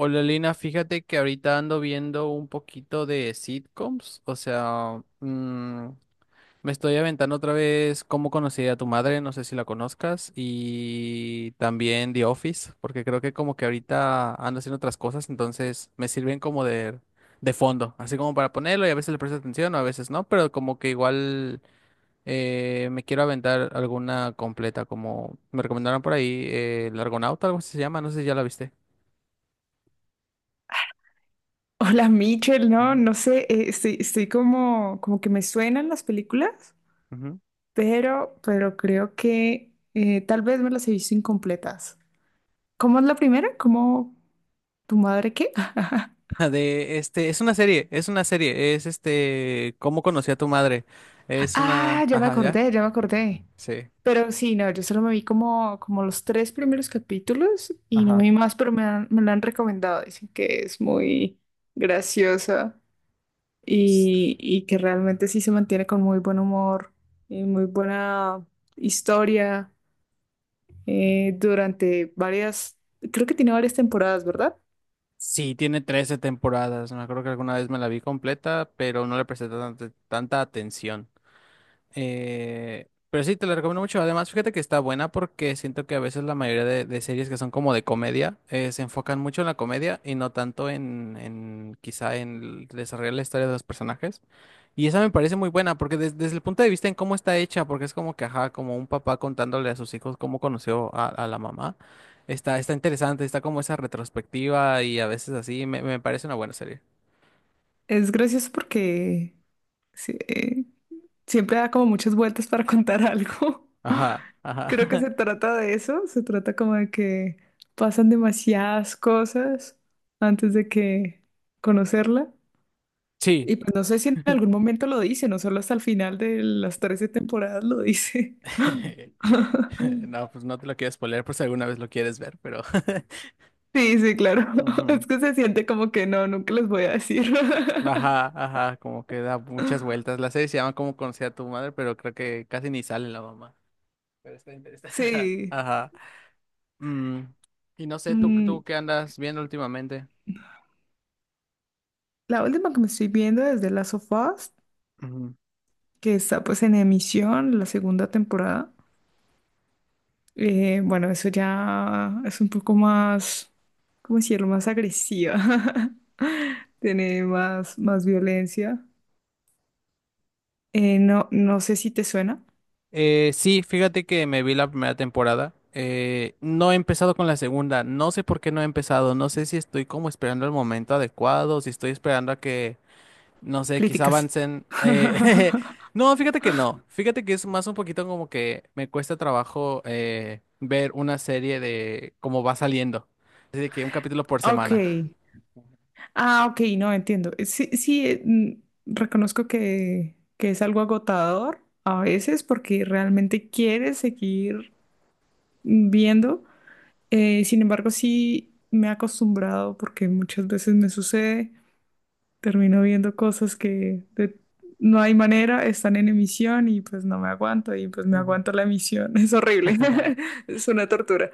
Hola Lina, fíjate que ahorita ando viendo un poquito de sitcoms, o sea, me estoy aventando otra vez Cómo conocí a tu madre, no sé si la conozcas, y también The Office, porque creo que como que ahorita ando haciendo otras cosas, entonces me sirven como de fondo, así como para ponerlo y a veces le presto atención o a veces no, pero como que igual me quiero aventar alguna completa, como me recomendaron por ahí, El Argonauta, algo así se llama, no sé si ya la viste. Hola Mitchell, no, Ajá. no sé, estoy como que me suenan las películas, pero creo que tal vez me las he visto incompletas. ¿Cómo es la primera? ¿Cómo tu madre qué? Es una serie, ¿Cómo conocí a tu madre? Es Ah, una, ya me ajá, ya, acordé, ya me acordé. sí, Pero sí, no, yo solo me vi como, como los tres primeros capítulos y no me ajá. vi más, pero me la han recomendado. Dicen que es muy graciosa. S- Y que realmente sí se mantiene con muy buen humor y muy buena historia durante varias, creo que tiene varias temporadas, ¿verdad? Sí, tiene 13 temporadas, me acuerdo que alguna vez me la vi completa, pero no le presté tanta, atención. Pero sí, te la recomiendo mucho. Además, fíjate que está buena porque siento que a veces la mayoría de, series que son como de comedia se enfocan mucho en la comedia y no tanto en quizá en el desarrollar la historia de los personajes. Y esa me parece muy buena porque desde el punto de vista en cómo está hecha, porque es como que, ajá, como un papá contándole a sus hijos cómo conoció a, la mamá, está interesante, está como esa retrospectiva y a veces así, me parece una buena serie. Es gracioso porque sí, siempre da como muchas vueltas para contar algo. Ajá, Creo que ajá. se trata de eso, se trata como de que pasan demasiadas cosas antes de que conocerla. sí. Y pues no sé si en algún momento lo dice, no solo hasta el final de las 13 temporadas lo dice. No, pues no te lo quiero spoiler por si alguna vez lo quieres ver, pero... Sí, sí, claro. Ujú. Es que se siente como que no, nunca les voy a decir. Ajá, ajá, como que da muchas vueltas. La serie se llama Cómo conocí a tu madre, pero creo que casi ni sale la mamá. Pero está interesante. Sí. Ajá. Mm, y no sé, ¿tú, Mm, tú qué andas viendo últimamente? la última que me estoy viendo es de Last of Us, Ujú. que está pues en emisión, la segunda temporada. Bueno, eso ya es un poco más, ¿cómo decirlo? Más agresiva. Tiene más violencia. No, no sé si te suena. Sí, fíjate que me vi la primera temporada. No he empezado con la segunda. No sé por qué no he empezado. No sé si estoy como esperando el momento adecuado, si estoy esperando a que... No sé, quizá Críticas. avancen. No, fíjate que no. Fíjate que es más un poquito como que me cuesta trabajo ver una serie de cómo va saliendo. Así de que un capítulo por Ok. semana. Ah, ok, no entiendo. Sí, sí, reconozco que es algo agotador a veces porque realmente quieres seguir viendo. Sin embargo, sí me he acostumbrado porque muchas veces me sucede, termino viendo cosas no hay manera, están en emisión y pues no me aguanto y pues me Ujú, aguanto la emisión. Es horrible, es una tortura.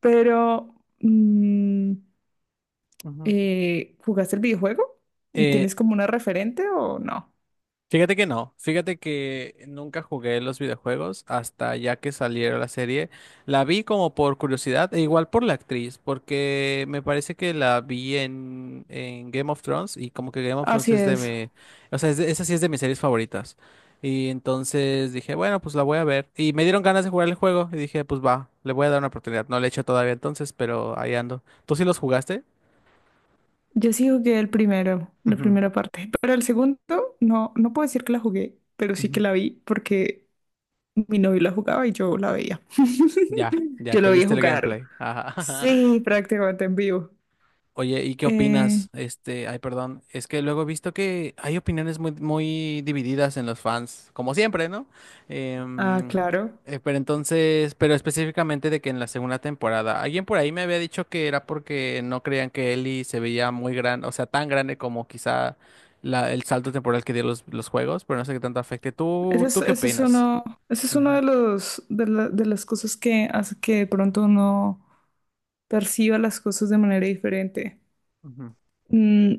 Pero... mm, ujú. ¿Jugaste el videojuego? ¿Y Eh, tienes como una referente o no? Fíjate que no, fíjate que nunca jugué los videojuegos hasta ya que saliera la serie. La vi como por curiosidad e igual por la actriz, porque me parece que la vi en Game of Thrones y como que Game of Thrones Así es de es. mi, o sea, es de- esa sí es de mis series favoritas. Y entonces dije, bueno, pues la voy a ver. Y me dieron ganas de jugar el juego y dije, pues va, le voy a dar una oportunidad. No le he hecho todavía entonces, pero ahí ando. ¿Tú sí los jugaste? Yo sí jugué el primero, la Ujú, primera parte, pero el segundo no, no puedo decir que la jugué, pero sí que ujú. la vi porque mi novio la jugaba y yo la veía. Ya, ya, Yo lo te veía viste el jugar. gameplay. Ajá. Sí, prácticamente en vivo. Oye, ¿y qué Eh, opinas? Este, ay, perdón, es que luego he visto que hay opiniones muy, muy divididas en los fans, como siempre, ¿no? ah, Em, claro. Pero entonces, pero específicamente de que en la segunda temporada, alguien por ahí me había dicho que era porque no creían que Ellie se veía muy grande, o sea, tan grande como quizá la- el salto temporal que dio los juegos, pero no sé qué tanto afecte. Ese ¿Tú, es, tú qué ese es opinas? uno, ese es uno Ujú, de los, de la- de las cosas que hace que de pronto uno perciba las cosas de manera diferente. ujú. Mm,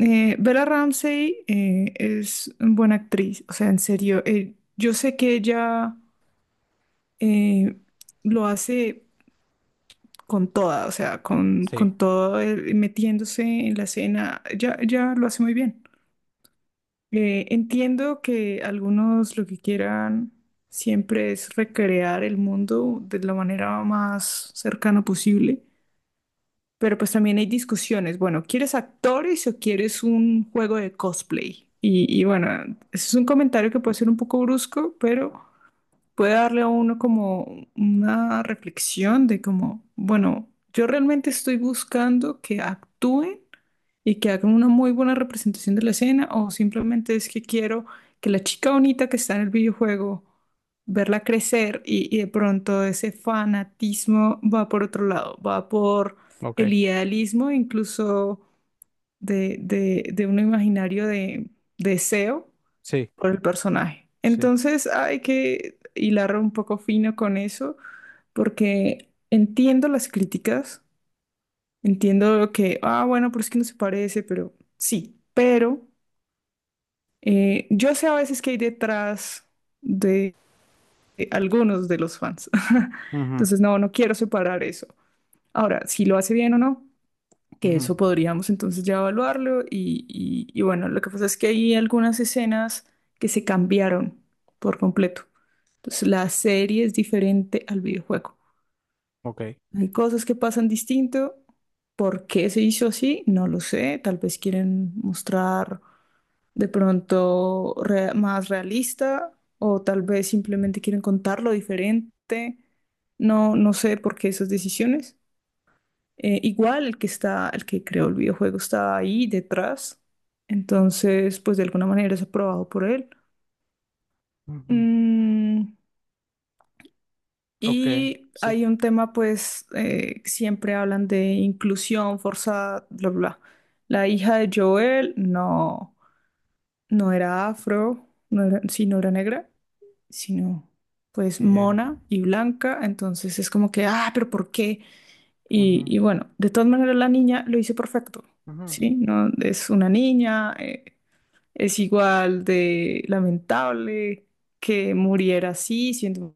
Bella Ramsey es una buena actriz, o sea, en serio, yo sé que ella eh, lo hace con toda, o sea, Sí, con todo, metiéndose en la escena, ya, ya lo hace muy bien. Entiendo que algunos lo que quieran siempre es recrear el mundo de la manera más cercana posible. Pero pues también hay discusiones. Bueno, ¿quieres actores o quieres un juego de cosplay? Y bueno, ese es un comentario que puede ser un poco brusco, pero puede darle a uno como una reflexión de como, bueno, yo realmente estoy buscando que actúen y que hagan una muy buena representación de la escena o simplemente es que quiero que la chica bonita que está en el videojuego, verla crecer y de pronto ese fanatismo va por otro lado, va por ok, el idealismo incluso de un imaginario de deseo sí, por el personaje. sí. Entonces hay que hilar un poco fino con eso, porque entiendo las críticas, entiendo que, ah, bueno, pero es que no se parece, pero sí, pero yo sé a veces que hay detrás de, de algunos de los fans. Ujú, Entonces, no, no quiero separar eso. Ahora, si lo hace bien o no, que ujú, eso podríamos entonces ya evaluarlo y bueno, lo que pasa es que hay algunas escenas que se cambiaron por completo. Entonces la serie es diferente al videojuego. ok. Hay cosas que pasan distinto. ¿Por qué se hizo así? No lo sé. Tal vez quieren mostrar de pronto más realista o tal vez simplemente quieren contarlo diferente. No, no sé por qué esas decisiones. Igual el que está, el que creó el videojuego está ahí detrás. Entonces, pues de alguna manera es aprobado por él. Ujú. Mm, Ok, y sí. hay un tema, pues, siempre hablan de inclusión forzada, bla, bla. La hija de Joel no, no era afro, no era, sí, no era negra, sino pues En- mona y blanca. Entonces es como que, ah, pero ¿por qué? Y, ujú, y bueno, de todas maneras la niña lo hizo perfecto, ujú. ¿sí? No, es una niña, es igual de lamentable que muriera así, siendo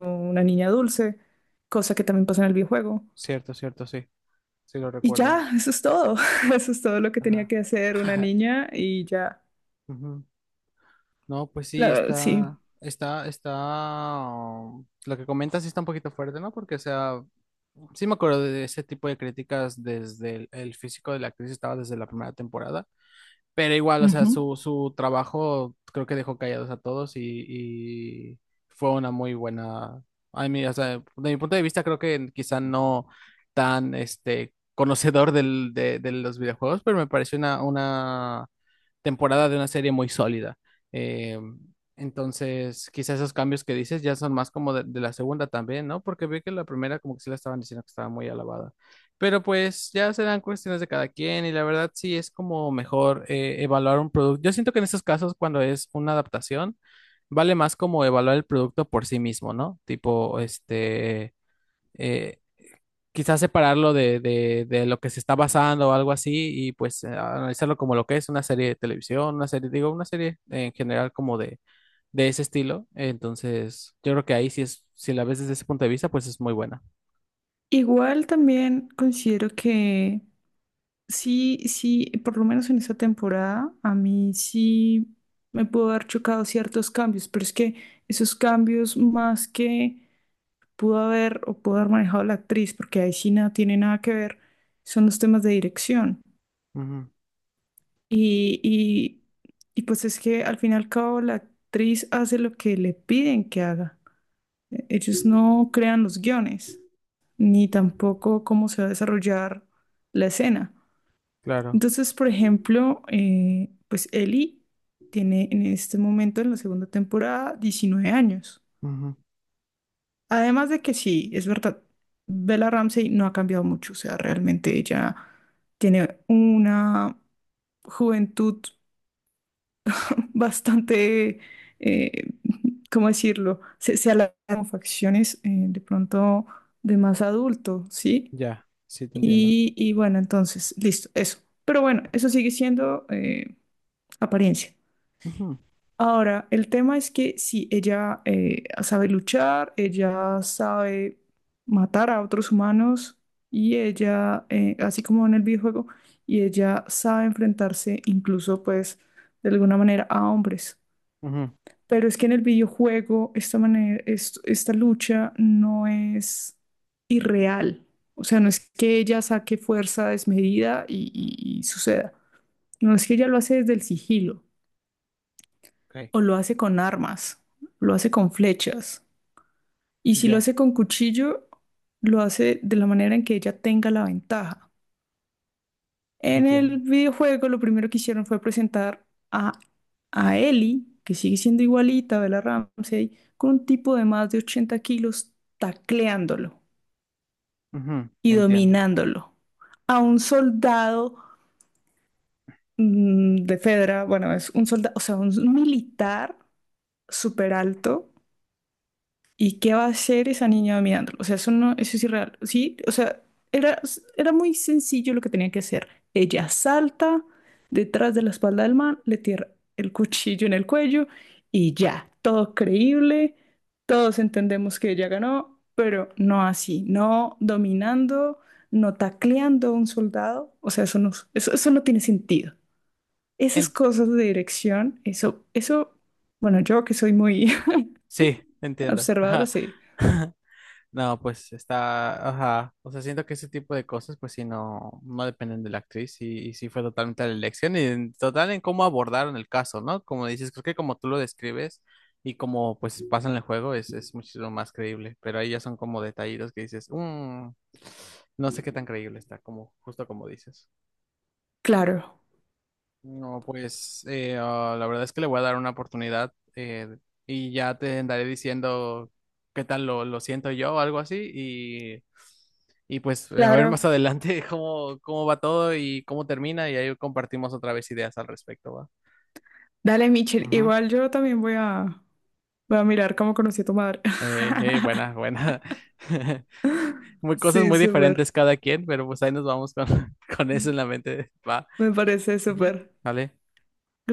una niña dulce, cosa que también pasa en el videojuego. Cierto, cierto, sí. Sí lo Y recuerdo. ya, eso es todo, eso es todo lo que tenía Ajá. que hacer una niña y ya, Ujú. No, pues sí, la, sí. está, está, está. Lo que comentas sí está un poquito fuerte, ¿no? Porque, o sea, sí me acuerdo de ese tipo de críticas desde el, físico de la actriz, estaba desde la primera temporada. Pero igual, o sea, Ujú. su trabajo creo que dejó callados a todos y fue una muy buena. A mí, o sea, de mi punto de vista, creo que quizá no tan este conocedor del, de los videojuegos, pero me pareció una, temporada de una serie muy sólida. Eh, entonces, quizá esos cambios que dices ya son más como de la segunda también, ¿no? Porque vi que la primera como que sí la estaban diciendo que estaba muy alabada. Pero pues ya serán cuestiones de cada quien y la verdad sí es como mejor evaluar un producto. Yo siento que en estos casos cuando es una adaptación vale más como evaluar el producto por sí mismo, ¿no? Tipo, este, eh, quizás separarlo de, lo que se está basando o algo así y pues analizarlo como lo que es una serie de televisión, una serie, digo, una serie en general como de ese estilo. Entonces, yo creo que ahí sí es, si la ves desde ese punto de vista, pues es muy buena. Igual también considero que. Sí, sí, por lo menos en esta temporada a mí sí me pudo haber chocado ciertos cambios, pero es que esos cambios más que pudo haber o pudo haber manejado la actriz, porque ahí sí nada tiene nada que ver, son los temas de dirección. Ujú, Y, y, y pues es que al fin y al cabo la actriz hace lo que le piden que haga. Ellos no crean los guiones, ni tampoco cómo se va a desarrollar la escena. claro. Entonces, por ejemplo, pues Ellie tiene en este momento, en la segunda temporada, 19 años. Ujú. Además de que sí, es verdad, Bella Ramsey no ha cambiado mucho, o sea, realmente ella tiene una juventud bastante, eh, ¿cómo decirlo? Se alarga con facciones de pronto de más adulto, ¿sí? Ya, sí te entiendo. Y bueno, entonces, listo, eso. Pero bueno, eso sigue siendo apariencia. Ujú, Ahora, el tema es que si ella sabe luchar, ella sabe matar a otros humanos y ella, así como en el videojuego, y ella sabe enfrentarse incluso pues de alguna manera a hombres. ujú, Pero es que en el videojuego esta manera, esta lucha no es irreal. O sea, no es que ella saque fuerza desmedida y suceda. No es que ella lo hace desde el sigilo ok, o lo hace con armas, lo hace con flechas. Y si lo ya, hace con cuchillo, lo hace de la manera en que ella tenga la ventaja. En el entiendo. videojuego lo primero que hicieron fue presentar a, a Ellie, que sigue siendo igualita a Bella Ramsey, con un tipo de más de 80 kilos tacleándolo Ujú, y entiendo. dominándolo. A un soldado de Fedra, bueno, es un soldado, o sea, un militar súper alto. ¿Y qué va a hacer esa niña mirándolo? O sea, eso no, eso es irreal. Sí, o sea, era, era muy sencillo lo que tenía que hacer. Ella salta detrás de la espalda del man, le tira el cuchillo en el cuello y ya, todo creíble, todos entendemos que ella ganó, pero no así, no dominando, no tacleando a un soldado. O sea, eso no, eso no tiene sentido. Esas En- cosas de dirección, bueno, yo que soy muy sí, entiendo. observadora, Ajá. sí. No, pues está, ajá. O sea, siento que ese tipo de cosas, pues sí, no, no dependen de la actriz y sí fue totalmente la elección y en total en cómo abordaron el caso, ¿no? Como dices, creo que como tú lo describes y como pues pasa en el juego es muchísimo más creíble, pero ahí ya son como detallitos que dices, "Mm, no sé qué tan creíble está", como justo como dices. Claro. No, pues ah, la verdad es que le voy a dar una oportunidad y ya te andaré diciendo qué tal lo, siento yo o algo así y pues a ver más Claro. adelante cómo va todo y cómo termina y ahí compartimos otra vez ideas al respecto, ¿va? Dale, Michelle. Ujú. Igual yo también voy a mirar Cómo conocí a tu madre. Buena, buena. Muy cosas Sí, muy diferentes súper. cada quien, pero pues ahí nos vamos con, con eso en la mente, ¿va? Me parece Ujú. súper. ¿Vale?